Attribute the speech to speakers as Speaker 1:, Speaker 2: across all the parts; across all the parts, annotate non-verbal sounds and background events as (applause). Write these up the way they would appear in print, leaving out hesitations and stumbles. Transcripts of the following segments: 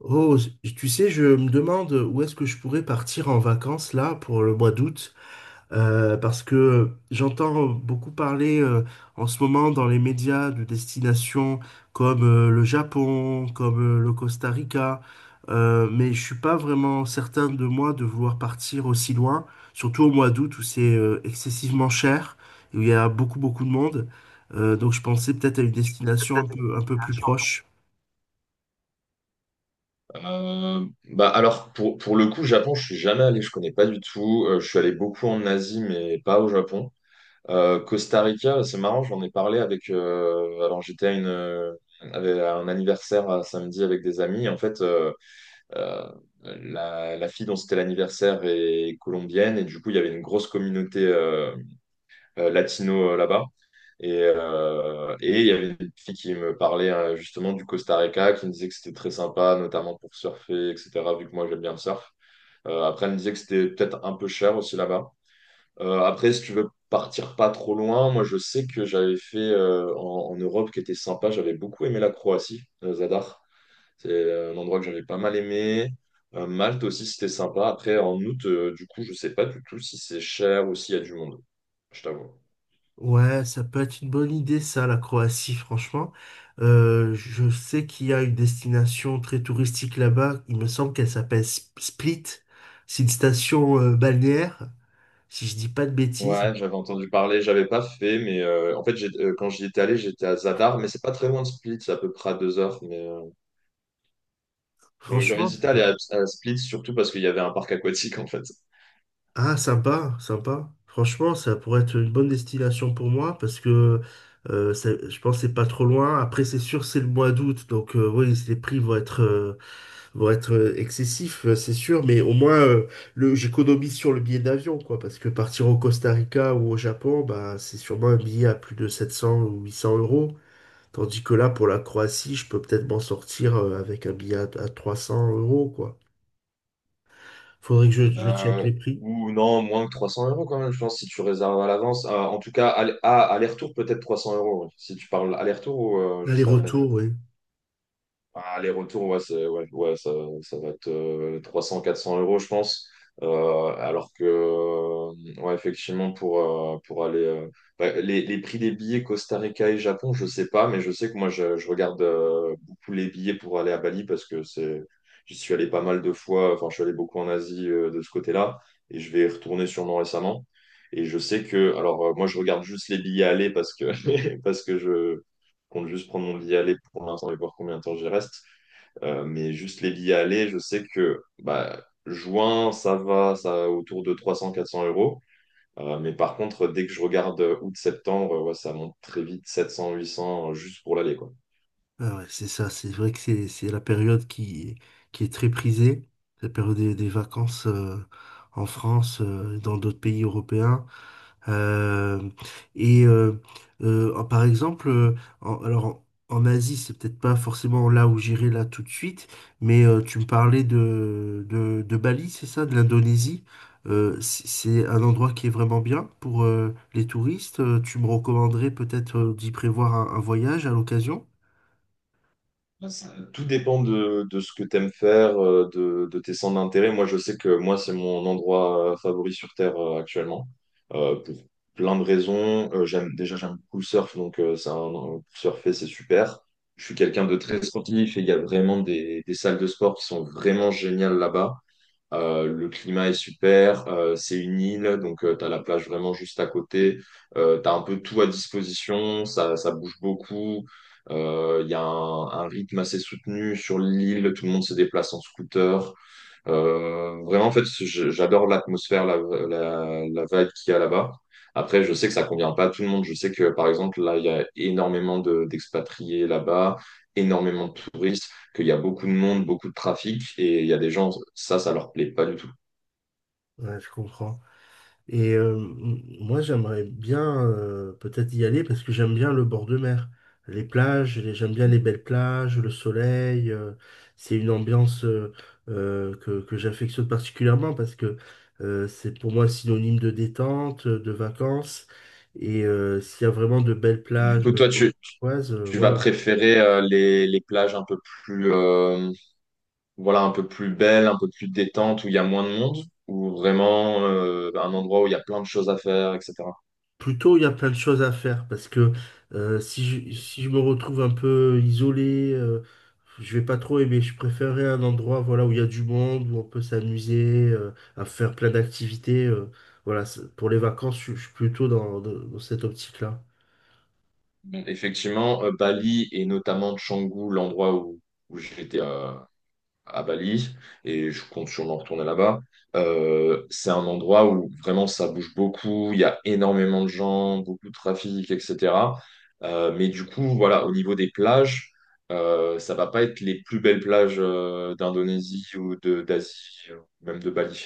Speaker 1: Oh, tu sais, je me demande où est-ce que je pourrais partir en vacances là pour le mois d'août, parce que j'entends beaucoup parler en ce moment dans les médias de destinations comme le Japon, comme le Costa Rica, mais je suis pas vraiment certain de moi de vouloir partir aussi loin, surtout au mois d'août où c'est excessivement cher, où il y a beaucoup beaucoup de monde. Donc je pensais peut-être à une destination un peu plus proche.
Speaker 2: Bah alors pour le coup, Japon, je suis jamais allé, je connais pas du tout. Je suis allé beaucoup en Asie, mais pas au Japon. Costa Rica, c'est marrant, j'en ai parlé avec. Alors j'étais à une avec- à un anniversaire à samedi avec des amis. En fait, euh, la fille dont c'était l'anniversaire est colombienne et du coup il y avait une grosse communauté, latino là-bas. Et il y avait une fille qui me parlait justement du Costa Rica, qui me disait que c'était très sympa, notamment pour surfer, etc., vu que moi j'aime bien le surf. Après, elle me disait que c'était peut-être un peu cher aussi là-bas. Après, si tu veux partir pas trop loin, moi je sais que j'avais fait en Europe qui était sympa, j'avais beaucoup aimé la Croatie, Zadar. C'est un endroit que j'avais pas mal aimé. Malte aussi, c'était sympa. Après, en août, du coup, je sais pas du tout si c'est cher ou s'il y a du monde, je t'avoue.
Speaker 1: Ouais, ça peut être une bonne idée, ça, la Croatie, franchement. Je sais qu'il y a une destination très touristique là-bas. Il me semble qu'elle s'appelle Split. C'est une station balnéaire, si je dis pas de bêtises.
Speaker 2: Ouais, j'avais entendu parler, j'avais pas fait, mais en fait, quand j'y étais allé, j'étais à Zadar, mais c'est pas très loin de Split, c'est à peu près à 2 heures. Donc j'avais
Speaker 1: Franchement,
Speaker 2: hésité à aller à Split, surtout parce qu'il y avait un parc aquatique en fait.
Speaker 1: ah, sympa, sympa. Franchement, ça pourrait être une bonne destination pour moi parce que je pense que c'est pas trop loin. Après, c'est sûr, c'est le mois d'août, donc oui, les prix vont être pour être excessif, c'est sûr, mais au moins j'économise sur le billet d'avion, quoi, parce que partir au Costa Rica ou au Japon, bah, c'est sûrement un billet à plus de 700 ou 800 euros, tandis que là, pour la Croatie, je peux peut-être m'en sortir avec un billet à 300 euros, quoi. Faudrait que je check
Speaker 2: Euh,
Speaker 1: les prix.
Speaker 2: ou non, moins que 300 € quand même, je pense, si tu réserves à l'avance. En tout cas, aller- à aller-retour, peut-être 300 euros. Ouais. Si tu parles aller-retour ou juste à...
Speaker 1: L'aller-retour, oui.
Speaker 2: Ah, les retours, ouais, ça va être 300-400 euros, je pense. Alors que, ouais, effectivement, pour aller. Les prix des billets Costa Rica et Japon, je sais pas, mais je sais que je regarde beaucoup les billets pour aller à Bali parce que c'est, j'y suis allé pas mal de fois. Enfin, je suis allé beaucoup en Asie de ce côté-là et je vais y retourner sûrement récemment. Et je sais que. Alors, moi, je regarde juste les billets aller parce que, (laughs) parce que je compte juste prendre mon billet aller pour l'instant et voir combien de temps j'y reste. Mais juste les billets aller, je sais que bah, juin, ça va autour de 300-400 euros. Mais par contre, dès que je regarde août-septembre, ouais, ça monte très vite, 700-800 juste pour l'aller, quoi.
Speaker 1: Ah ouais, c'est ça, c'est vrai que c'est la période qui est très prisée, la période des vacances en France, dans d'autres pays européens. Euh, et euh, Par exemple, en- alors en en Asie, c'est peut-être pas forcément là où j'irai là tout de suite, mais tu me parlais de Bali, c'est ça, de l'Indonésie. C'est un endroit qui est vraiment bien pour les touristes. Tu me recommanderais peut-être d'y prévoir un voyage à l'occasion?
Speaker 2: Ouais, ça... Tout dépend de ce que tu aimes faire, de tes centres d'intérêt. Moi, je sais que moi, c'est mon endroit favori sur Terre actuellement, pour plein de raisons. J'aime, déjà, j'aime beaucoup le surf, donc c'est un, pour surfer, c'est super. Je suis quelqu'un de très sportif et il y a vraiment des salles de sport qui sont vraiment géniales là-bas. Le climat est super, c'est une île, donc tu as la plage vraiment juste à côté, tu as un peu tout à disposition, ça bouge beaucoup, il y a un rythme assez soutenu sur l'île, tout le monde se déplace en scooter, vraiment, en fait, je- j'adore l'atmosphère, la vibe qu'il y a là-bas. Après, je sais que ça convient pas à tout le monde. Je sais que, par exemple, là, il y a énormément d'expatriés là-bas, énormément de touristes, qu'il y a beaucoup de monde, beaucoup de trafic, et il y a des gens, ça leur plaît pas du tout.
Speaker 1: Ouais, je comprends. Et moi, j'aimerais bien peut-être y aller parce que j'aime bien le bord de mer. Les plages, j'aime bien les belles plages, le soleil. C'est une ambiance que j'affectionne particulièrement parce que c'est pour moi synonyme de détente, de vacances. Et s'il y a vraiment de belles
Speaker 2: Et du
Speaker 1: plages,
Speaker 2: coup, toi,
Speaker 1: comme
Speaker 2: tu, tu vas
Speaker 1: waouh.
Speaker 2: préférer les plages un peu plus, voilà, un peu plus belles, un peu plus détentes, où il y a moins de monde, ou vraiment un endroit où il y a plein de choses à faire, etc.
Speaker 1: Plutôt, il y a plein de choses à faire parce que si je, si je me retrouve un peu isolé, je vais pas trop aimer. Je préférerais un endroit voilà, où il y a du monde, où on peut s'amuser, à faire plein d'activités. Voilà, pour les vacances, je suis plutôt dans cette optique-là.
Speaker 2: Effectivement, Bali et notamment Canggu, l'endroit où, où j'étais à Bali et je compte sûrement retourner là-bas. C'est un endroit où vraiment ça bouge beaucoup, il y a énormément de gens, beaucoup de trafic, etc. Mais du coup, voilà, au niveau des plages, ça va pas être les plus belles plages d'Indonésie ou de d'Asie, même de Bali.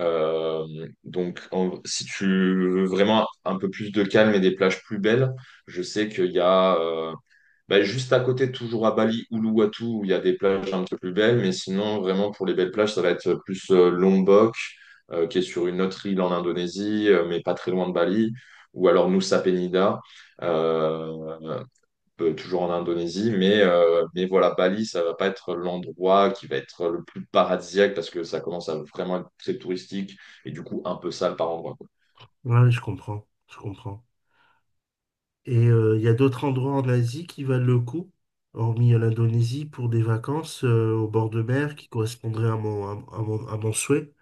Speaker 2: Euh, donc, si tu veux vraiment un peu plus de calme et des plages plus belles, je sais qu'il y a juste à côté, toujours à Bali, Uluwatu, où il y a des plages un peu plus belles, mais sinon, vraiment, pour les belles plages, ça va être plus Lombok, qui est sur une autre île en Indonésie, mais pas très loin de Bali, ou alors Nusa Penida, euh, toujours en Indonésie, mais voilà, Bali, ça va pas être l'endroit qui va être le plus paradisiaque, parce que ça commence à vraiment être très touristique, et du coup, un peu sale par endroit.
Speaker 1: Ouais, je comprends, je comprends. Et il y a d'autres endroits en Asie qui valent le coup, hormis l'Indonésie, pour des vacances au bord de mer qui correspondraient à mon, à mon souhait.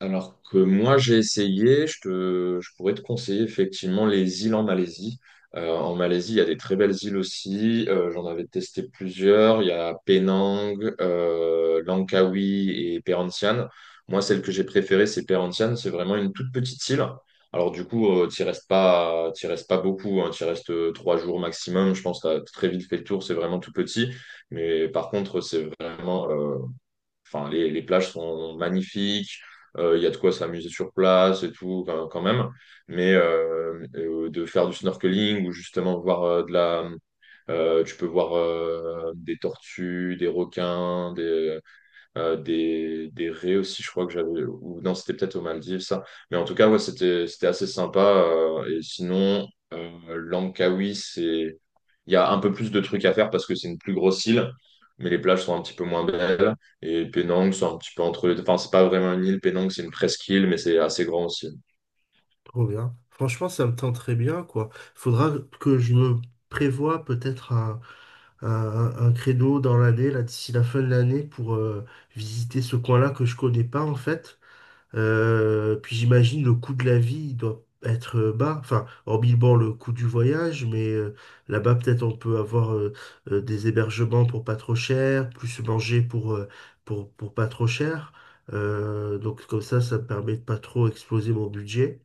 Speaker 2: Alors que moi, j'ai essayé, je pourrais te conseiller effectivement les îles en Malaisie. En Malaisie, il y a des très belles îles aussi. J'en avais testé plusieurs. Il y a Penang, Langkawi et Perhentian. Moi, celle que j'ai préférée, c'est Perhentian. C'est vraiment une toute petite île. Alors du coup, t'y restes pas beaucoup. Hein. T'y restes 3 jours maximum. Je pense que t'as très vite fait le tour. C'est vraiment tout petit. Mais par contre, c'est vraiment. Enfin, les plages sont magnifiques. Il y a de quoi s'amuser sur place et tout, quand même. Mais de faire du snorkeling ou justement voir de la. Tu peux voir des tortues, des requins, des raies aussi, je crois que j'avais, ou non, c'était peut-être aux Maldives, ça. Mais en tout cas, ouais, c'était assez sympa. Et sinon, Langkawi, c'est, il y a un peu plus de trucs à faire parce que c'est une plus grosse île, mais les plages sont un petit peu moins belles. Et Penang, c'est un petit peu entre les deux. Enfin, c'est pas vraiment une île, Penang, c'est une presqu'île, mais c'est assez grand aussi.
Speaker 1: Trop bien. Franchement, ça me tente très bien, quoi. Faudra que je me prévoie peut-être un, un créneau dans l'année, là, d'ici la fin de l'année, pour visiter ce coin-là que je connais pas, en fait. Puis j'imagine le coût de la vie, il doit être bas. Enfin, hormis, bon, le coût du voyage, mais là-bas, peut-être on peut avoir des hébergements pour pas trop cher, plus manger pour pas trop cher. Donc comme ça me permet de pas trop exploser mon budget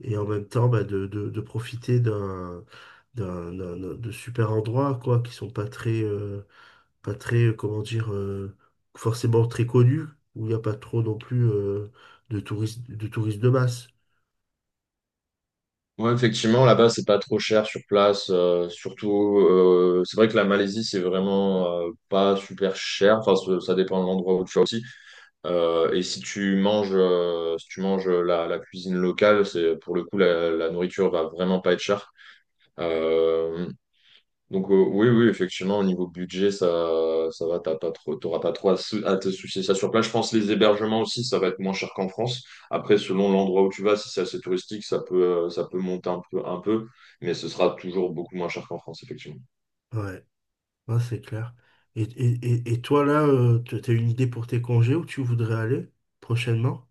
Speaker 1: et en même temps bah, de profiter d'un, de super endroits quoi qui sont pas très pas très comment dire forcément très connus où il n'y a pas trop non plus de touristes de masse.
Speaker 2: Ouais, effectivement, là-bas, c'est pas trop cher sur place. Surtout, c'est vrai que la Malaisie, c'est vraiment pas super cher. Enfin, ça dépend de l'endroit où tu vas aussi. Et si tu manges, si tu manges la cuisine locale, c'est pour le coup la nourriture va vraiment pas être chère. Euh, donc, oui, oui, effectivement, au niveau budget, ça va, t'auras pas trop à, à te soucier ça sur place. Je pense les hébergements aussi, ça va être moins cher qu'en France. Après, selon l'endroit où tu vas, si c'est assez touristique, ça peut monter un peu, mais ce sera toujours beaucoup moins cher qu'en France, effectivement.
Speaker 1: Ouais, ouais, c'est clair. Et, et toi là, tu as une idée pour tes congés où tu voudrais aller prochainement?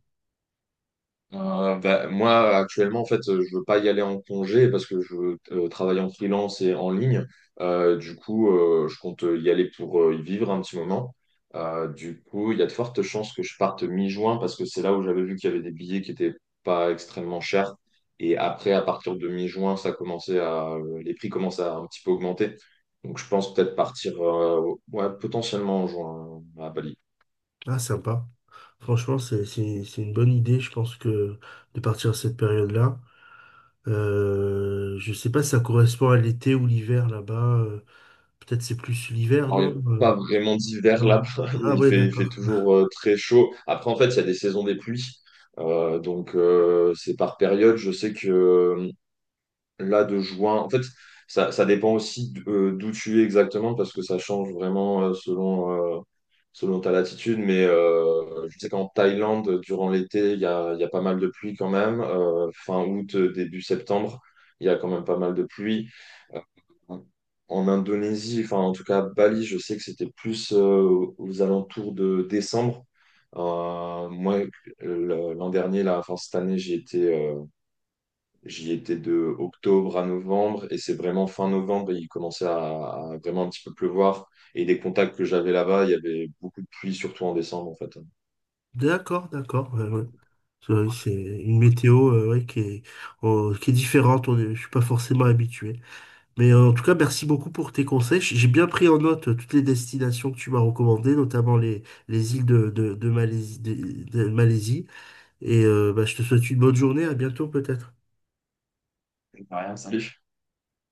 Speaker 2: Bah, moi, actuellement, en fait, je veux pas y aller en congé parce que je veux travaille en freelance et en ligne. Du coup, je compte y aller pour y vivre un petit moment. Du coup, il y a de fortes chances que je parte mi-juin parce que c'est là où j'avais vu qu'il y avait des billets qui étaient pas extrêmement chers. Et après, à partir de mi-juin, les prix commencent à un petit peu augmenter. Donc, je pense peut-être partir, ouais, potentiellement en juin à Bali.
Speaker 1: Ah, sympa. Franchement, c'est une bonne idée, je pense que de partir à cette période-là. Je sais pas si ça correspond à l'été ou l'hiver là-bas. Peut-être c'est plus l'hiver,
Speaker 2: Alors, il
Speaker 1: non?
Speaker 2: n'est pas vraiment d'hiver là-bas.
Speaker 1: Non.
Speaker 2: (laughs)
Speaker 1: Ah ouais,
Speaker 2: Il fait
Speaker 1: d'accord.
Speaker 2: toujours très chaud. Après, en fait, il y a des saisons des pluies. Donc, c'est par période. Je sais que là de juin. En fait, ça dépend aussi d'où tu es exactement parce que ça change vraiment selon ta latitude. Mais je sais qu'en Thaïlande, durant l'été, il y a pas mal de pluie quand même. Fin août, début septembre, il y a quand même pas mal de pluie. Euh, En Indonésie, enfin en tout cas Bali, je sais que c'était plus aux alentours de décembre. Moi, l'an dernier, là, enfin cette année, j'ai été J'y étais de octobre à novembre et c'est vraiment fin novembre, il commençait à vraiment un petit peu pleuvoir. Et des contacts que j'avais là-bas, il y avait beaucoup de pluie, surtout en décembre en fait.
Speaker 1: D'accord, d'accord. Ouais, ouais. C'est vrai, c'est une météo ouais, qui est différente. Je suis pas forcément habitué. Mais en tout cas, merci beaucoup pour tes conseils. J'ai bien pris en note toutes les destinations que tu m'as recommandées, notamment les îles de Malaisie, de Malaisie. Et bah, je te souhaite une bonne journée. À bientôt peut-être.
Speaker 2: Rien, ça.